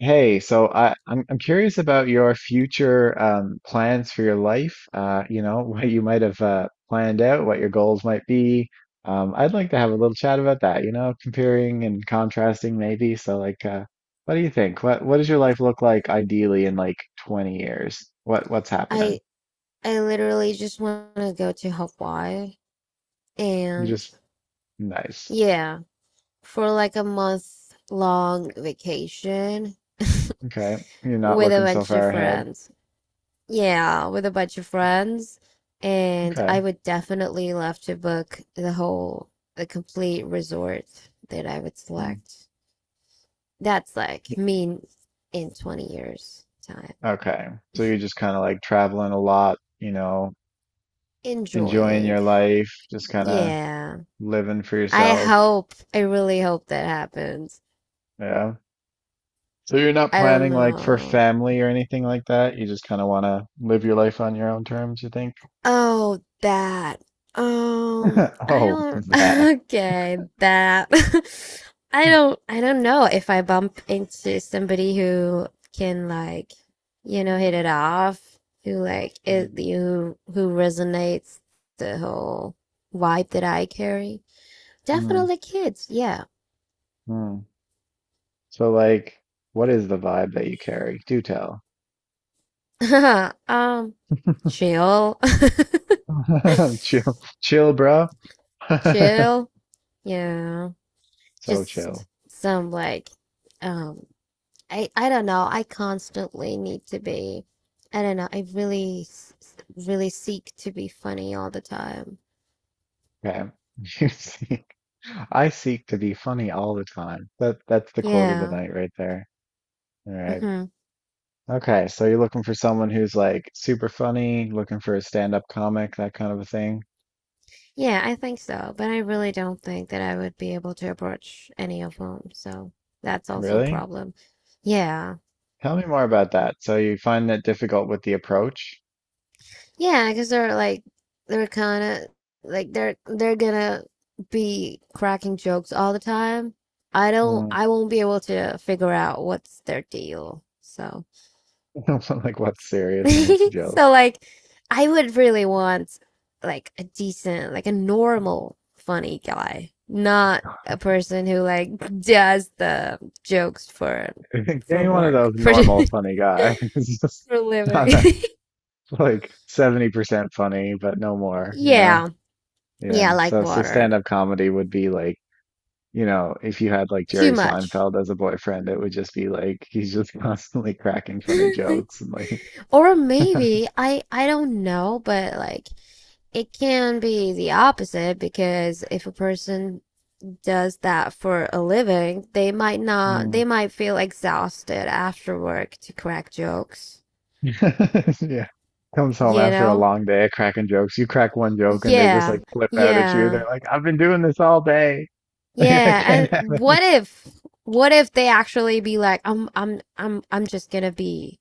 Hey, so I'm curious about your future plans for your life. What you might have planned out, what your goals might be. I'd like to have a little chat about that. Comparing and contrasting maybe. So, like, what do you think? What does your life look like ideally in like 20 years? What's happening? I I literally just want to go to Hawaii You and just Nice. yeah, for like a month long vacation Okay, you're not with a looking so bunch of far ahead. friends. Yeah, with a bunch of friends. And Okay. I would definitely love to book the complete resort that I would Mm. select. That's like me in 20 years' time. Okay. So you're just kind of like traveling a lot, enjoying Enjoying. your life, just kind of Yeah. living for I yourself. hope, I really hope that happens. Yeah. So you're not I don't planning like for know. family or anything like that. You just kind of want to live your life on your own terms, you think? Oh, that. I Oh, don't. that. Okay, that. I don't. I don't know if I bump into somebody who can, like, hit it off, who like Mm, it, you who resonates the whole vibe that I carry. mm, Definitely kids. Yeah. mm. So like, what is the vibe that you carry? Do tell. Um, chill, Chill, chill, bro. chill. Yeah, So just chill. some, like, um I don't know. I constantly need to be. I don't know. I really seek to be funny all the time. Okay. You seek, I seek to be funny all the time. That's the quote of the Yeah. night right there. All right. Hmm. Okay, so you're looking for someone who's like super funny, looking for a stand-up comic, that kind of a thing. Yeah, I think so. But I really don't think that I would be able to approach any of them. So that's also a Really? problem. Yeah. Tell me more about that. So you find that difficult with the approach? Yeah, because they're kind of, like, they're gonna be cracking jokes all the time. Mm. I won't be able to figure out what's their deal. So Like what's serious and what's a joke? so like I would really want, like, a decent, like a normal funny guy, not a person who like does the jokes Give for me one of work, those normal funny guys. It's just for living. not a- like 70% funny, but no more, you know? Yeah. Yeah, Yeah. like So water. stand-up comedy would be like, if you had like Too Jerry much. Seinfeld as a boyfriend, it would just be like he's just constantly cracking funny jokes and like. Or maybe I don't know, but like it can be the opposite because if a person does that for a living, they might not, Mm. they might feel exhausted after work to crack jokes. Yeah. Comes home You after a know? long day of cracking jokes. You crack one joke and they just Yeah. like flip out at you. Yeah. They're like, I've been doing this all day. Like, I Yeah. can't have And it. What if they actually be like, I'm just gonna be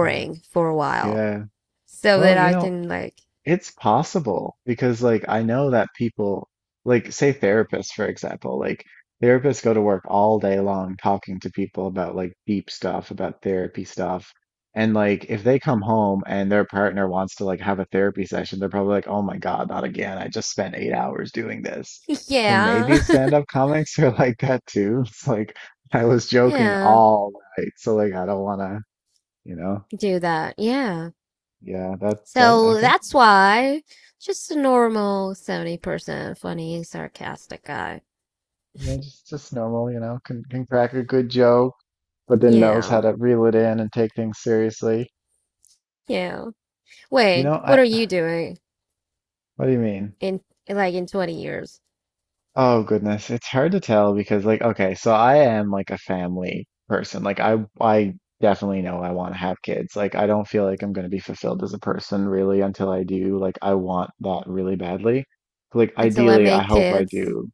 Yeah. for a while Yeah. so Well, that you I know, can, like, It's possible because like I know that people, like, say therapists, for example, like therapists go to work all day long talking to people about like deep stuff about therapy stuff. And like if they come home and their partner wants to like have a therapy session, they're probably like, oh my God, not again, I just spent 8 hours doing this. So yeah, maybe stand-up comics are like that too. It's like I was joking yeah, all night, so like I don't wanna, you know do that. Yeah. yeah, that I So guess. that's why just a normal 70% funny, sarcastic guy. Yeah, just normal, can crack a good joke, but then knows how Yeah. to reel it in and take things seriously. Yeah. You know, Wait, what I are you doing What do you mean? in like in 20 years? Oh goodness, it's hard to tell because like, okay, so I am like a family person. Like I definitely know I want to have kids. Like I don't feel like I'm going to be fulfilled as a person really until I do. Like I want that really badly. Like Until I ideally, I make hope I kids? do.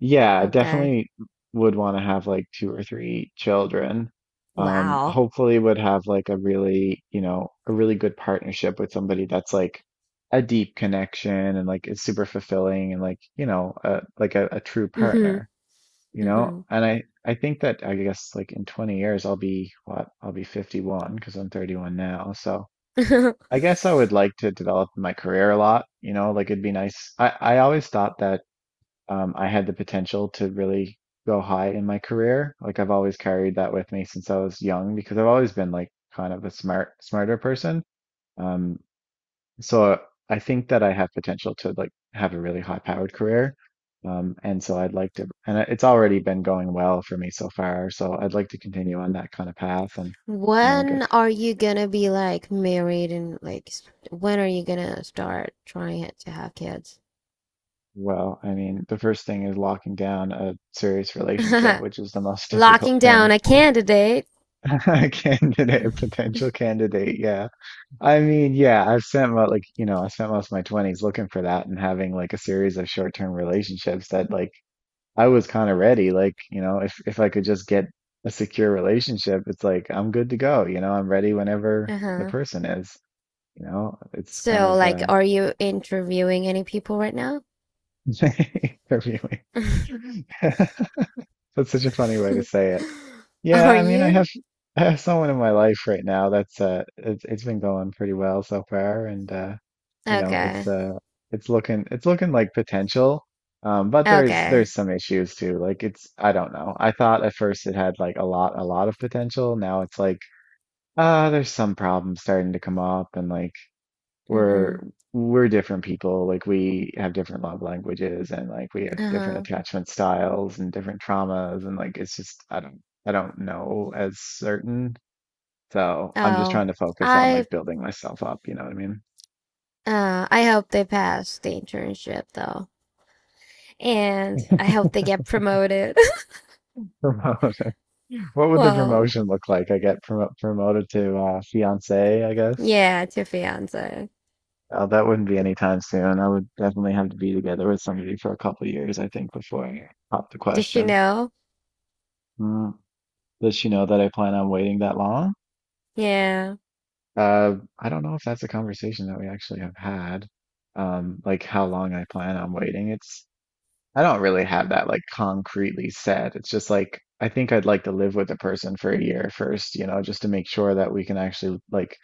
Yeah, Okay. definitely would want to have like two or three children. Wow. Hopefully would have like a really, a really good partnership with somebody that's like a deep connection and like is super fulfilling and like, like a true Hmm. partner, you know? Hmm. And I think that I guess like in 20 years I'll be what? I'll be 51 because I'm 31 now. So I guess I would like to develop my career a lot, like it'd be nice. I always thought that I had the potential to really go high in my career. Like I've always carried that with me since I was young because I've always been like kind of a smarter person. Um, so I think that I have potential to like have a really high powered career. And so I'd like to, it's already been going well for me so far. So I'd like to continue on that kind of path and, you know, When get are you gonna be like married and when are you gonna start trying it to have kids? Well, I mean, the first thing is locking down a serious relationship, which is the most Locking difficult down thing a candidate. Candidate, a potential candidate, yeah. I mean, yeah, I've spent mo like, you know, I spent most of my 20s looking for that and having like a series of short-term relationships that like I was kind of ready. Like, if I could just get a secure relationship, it's like I'm good to go, I'm ready whenever the Uh-huh. person is. It's kind So of like are you interviewing any people right now? interviewing. That's such a funny way to say it. Yeah, Are I mean, I have you? I have someone in my life right now that's it's been going pretty well so far and it's Okay. It's looking like potential. But there's Okay. there's some issues too. Like it's I don't know. I thought at first it had like a lot of potential. Now it's like, there's some problems starting to come up. And like we're Mm-hmm. we're different people. Like we have different love languages and like we have different Uh-huh. attachment styles and different traumas. And like it's just, I don't know as certain, so I'm just Oh, trying to focus on I like building myself up, you know what I mean? I hope they pass the internship though. And I hope they get promoted. Promote, what would the Well, promotion look like? I get promoted to fiance, I guess. yeah, to fiance. Oh, that wouldn't be anytime soon. I would definitely have to be together with somebody for a couple years I think before I pop the Does she question. know? Hmm. Does she know that I plan on waiting that long? Yeah. I don't know if that's a conversation that we actually have had. Like how long I plan on waiting. It's I don't really have that like concretely said. It's just like I think I'd like to live with the person for a year first, just to make sure that we can actually like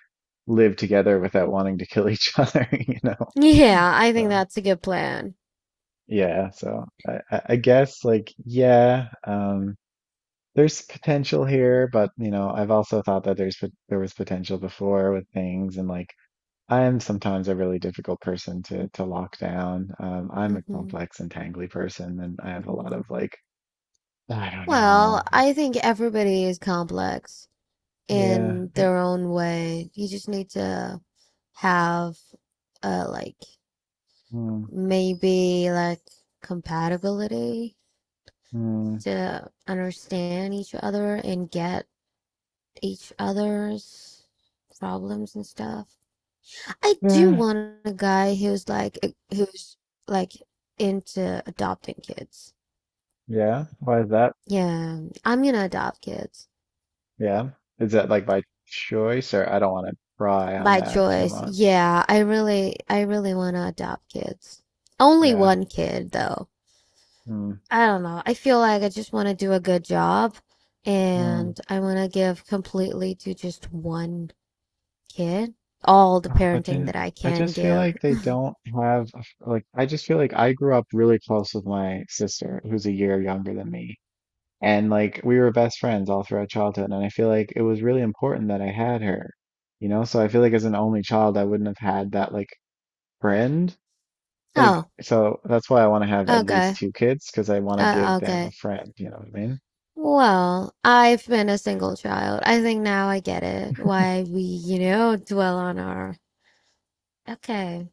live together without wanting to kill each other. Yeah, I think So that's a good plan. yeah, so I guess like yeah, there's potential here. But you know, I've also thought that there's there was potential before with things, and like I am sometimes a really difficult person to lock down. I'm a Hmm. complex and tangly person, and I have a lot of like, I don't Well, know. I think everybody is complex Yeah. in their own way. You just need to have like Mm, maybe like compatibility mm, to understand each other and get each other's problems and stuff. I do yeah. want a guy who's like into adopting kids. Yeah. Why is that? Yeah, I'm gonna adopt kids. Yeah. Is that like by choice, or I don't want to pry on By that too choice. much? Yeah, I really want to adopt kids. Only Yeah. one kid though. Mm, I don't know. I feel like I just want to do a good job mm. and I want to give completely to just one kid all the Ah, but parenting that then I I can just feel give. like they don't have like I just feel like I grew up really close with my sister who's a year younger than me. And like we were best friends all throughout childhood and I feel like it was really important that I had her. You know, so I feel like as an only child I wouldn't have had that like friend. Like Oh, so that's why I want to have at least okay. two kids because I want to give them a Okay. friend, you know what I mean? Well, I've been a single child. I think now I get it why we, you know, dwell on our. Okay.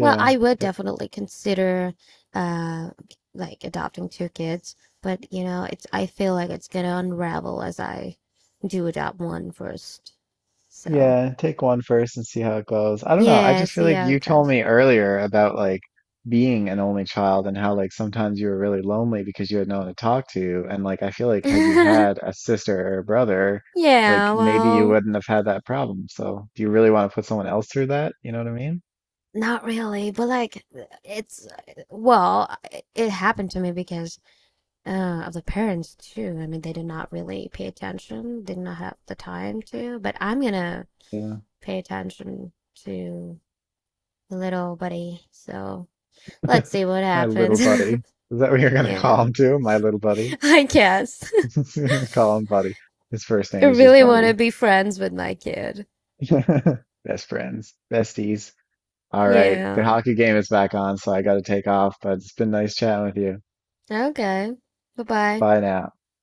Well, I would definitely consider uh like adopting two kids, but you know, it's I feel like it's gonna unravel as I do adopt one first. So, Yeah, take one first and see how it goes. I don't know. I yeah, just feel see like how you it told goes. me earlier about like being an only child and how like sometimes you were really lonely because you had no one to talk to. And like I feel like had you had a sister or a brother, Yeah, like maybe you well, wouldn't have had that problem. So do you really want to put someone else through that? You know what I mean? not really, but like it's well, it happened to me because of the parents too. I mean, they did not really pay attention, did not have the time to, but I'm gonna Yeah. pay attention to little buddy. So let's see what My little happens. buddy. Is that what you're gonna call Yeah, him too? My little buddy. I guess. You're gonna call him Buddy. His first I name is just really want to Buddy. be friends with my kid. Best friends, besties. All right, the Yeah. hockey game is back on, so I got to take off, but it's been nice chatting with you. Okay. Bye bye. Bye now.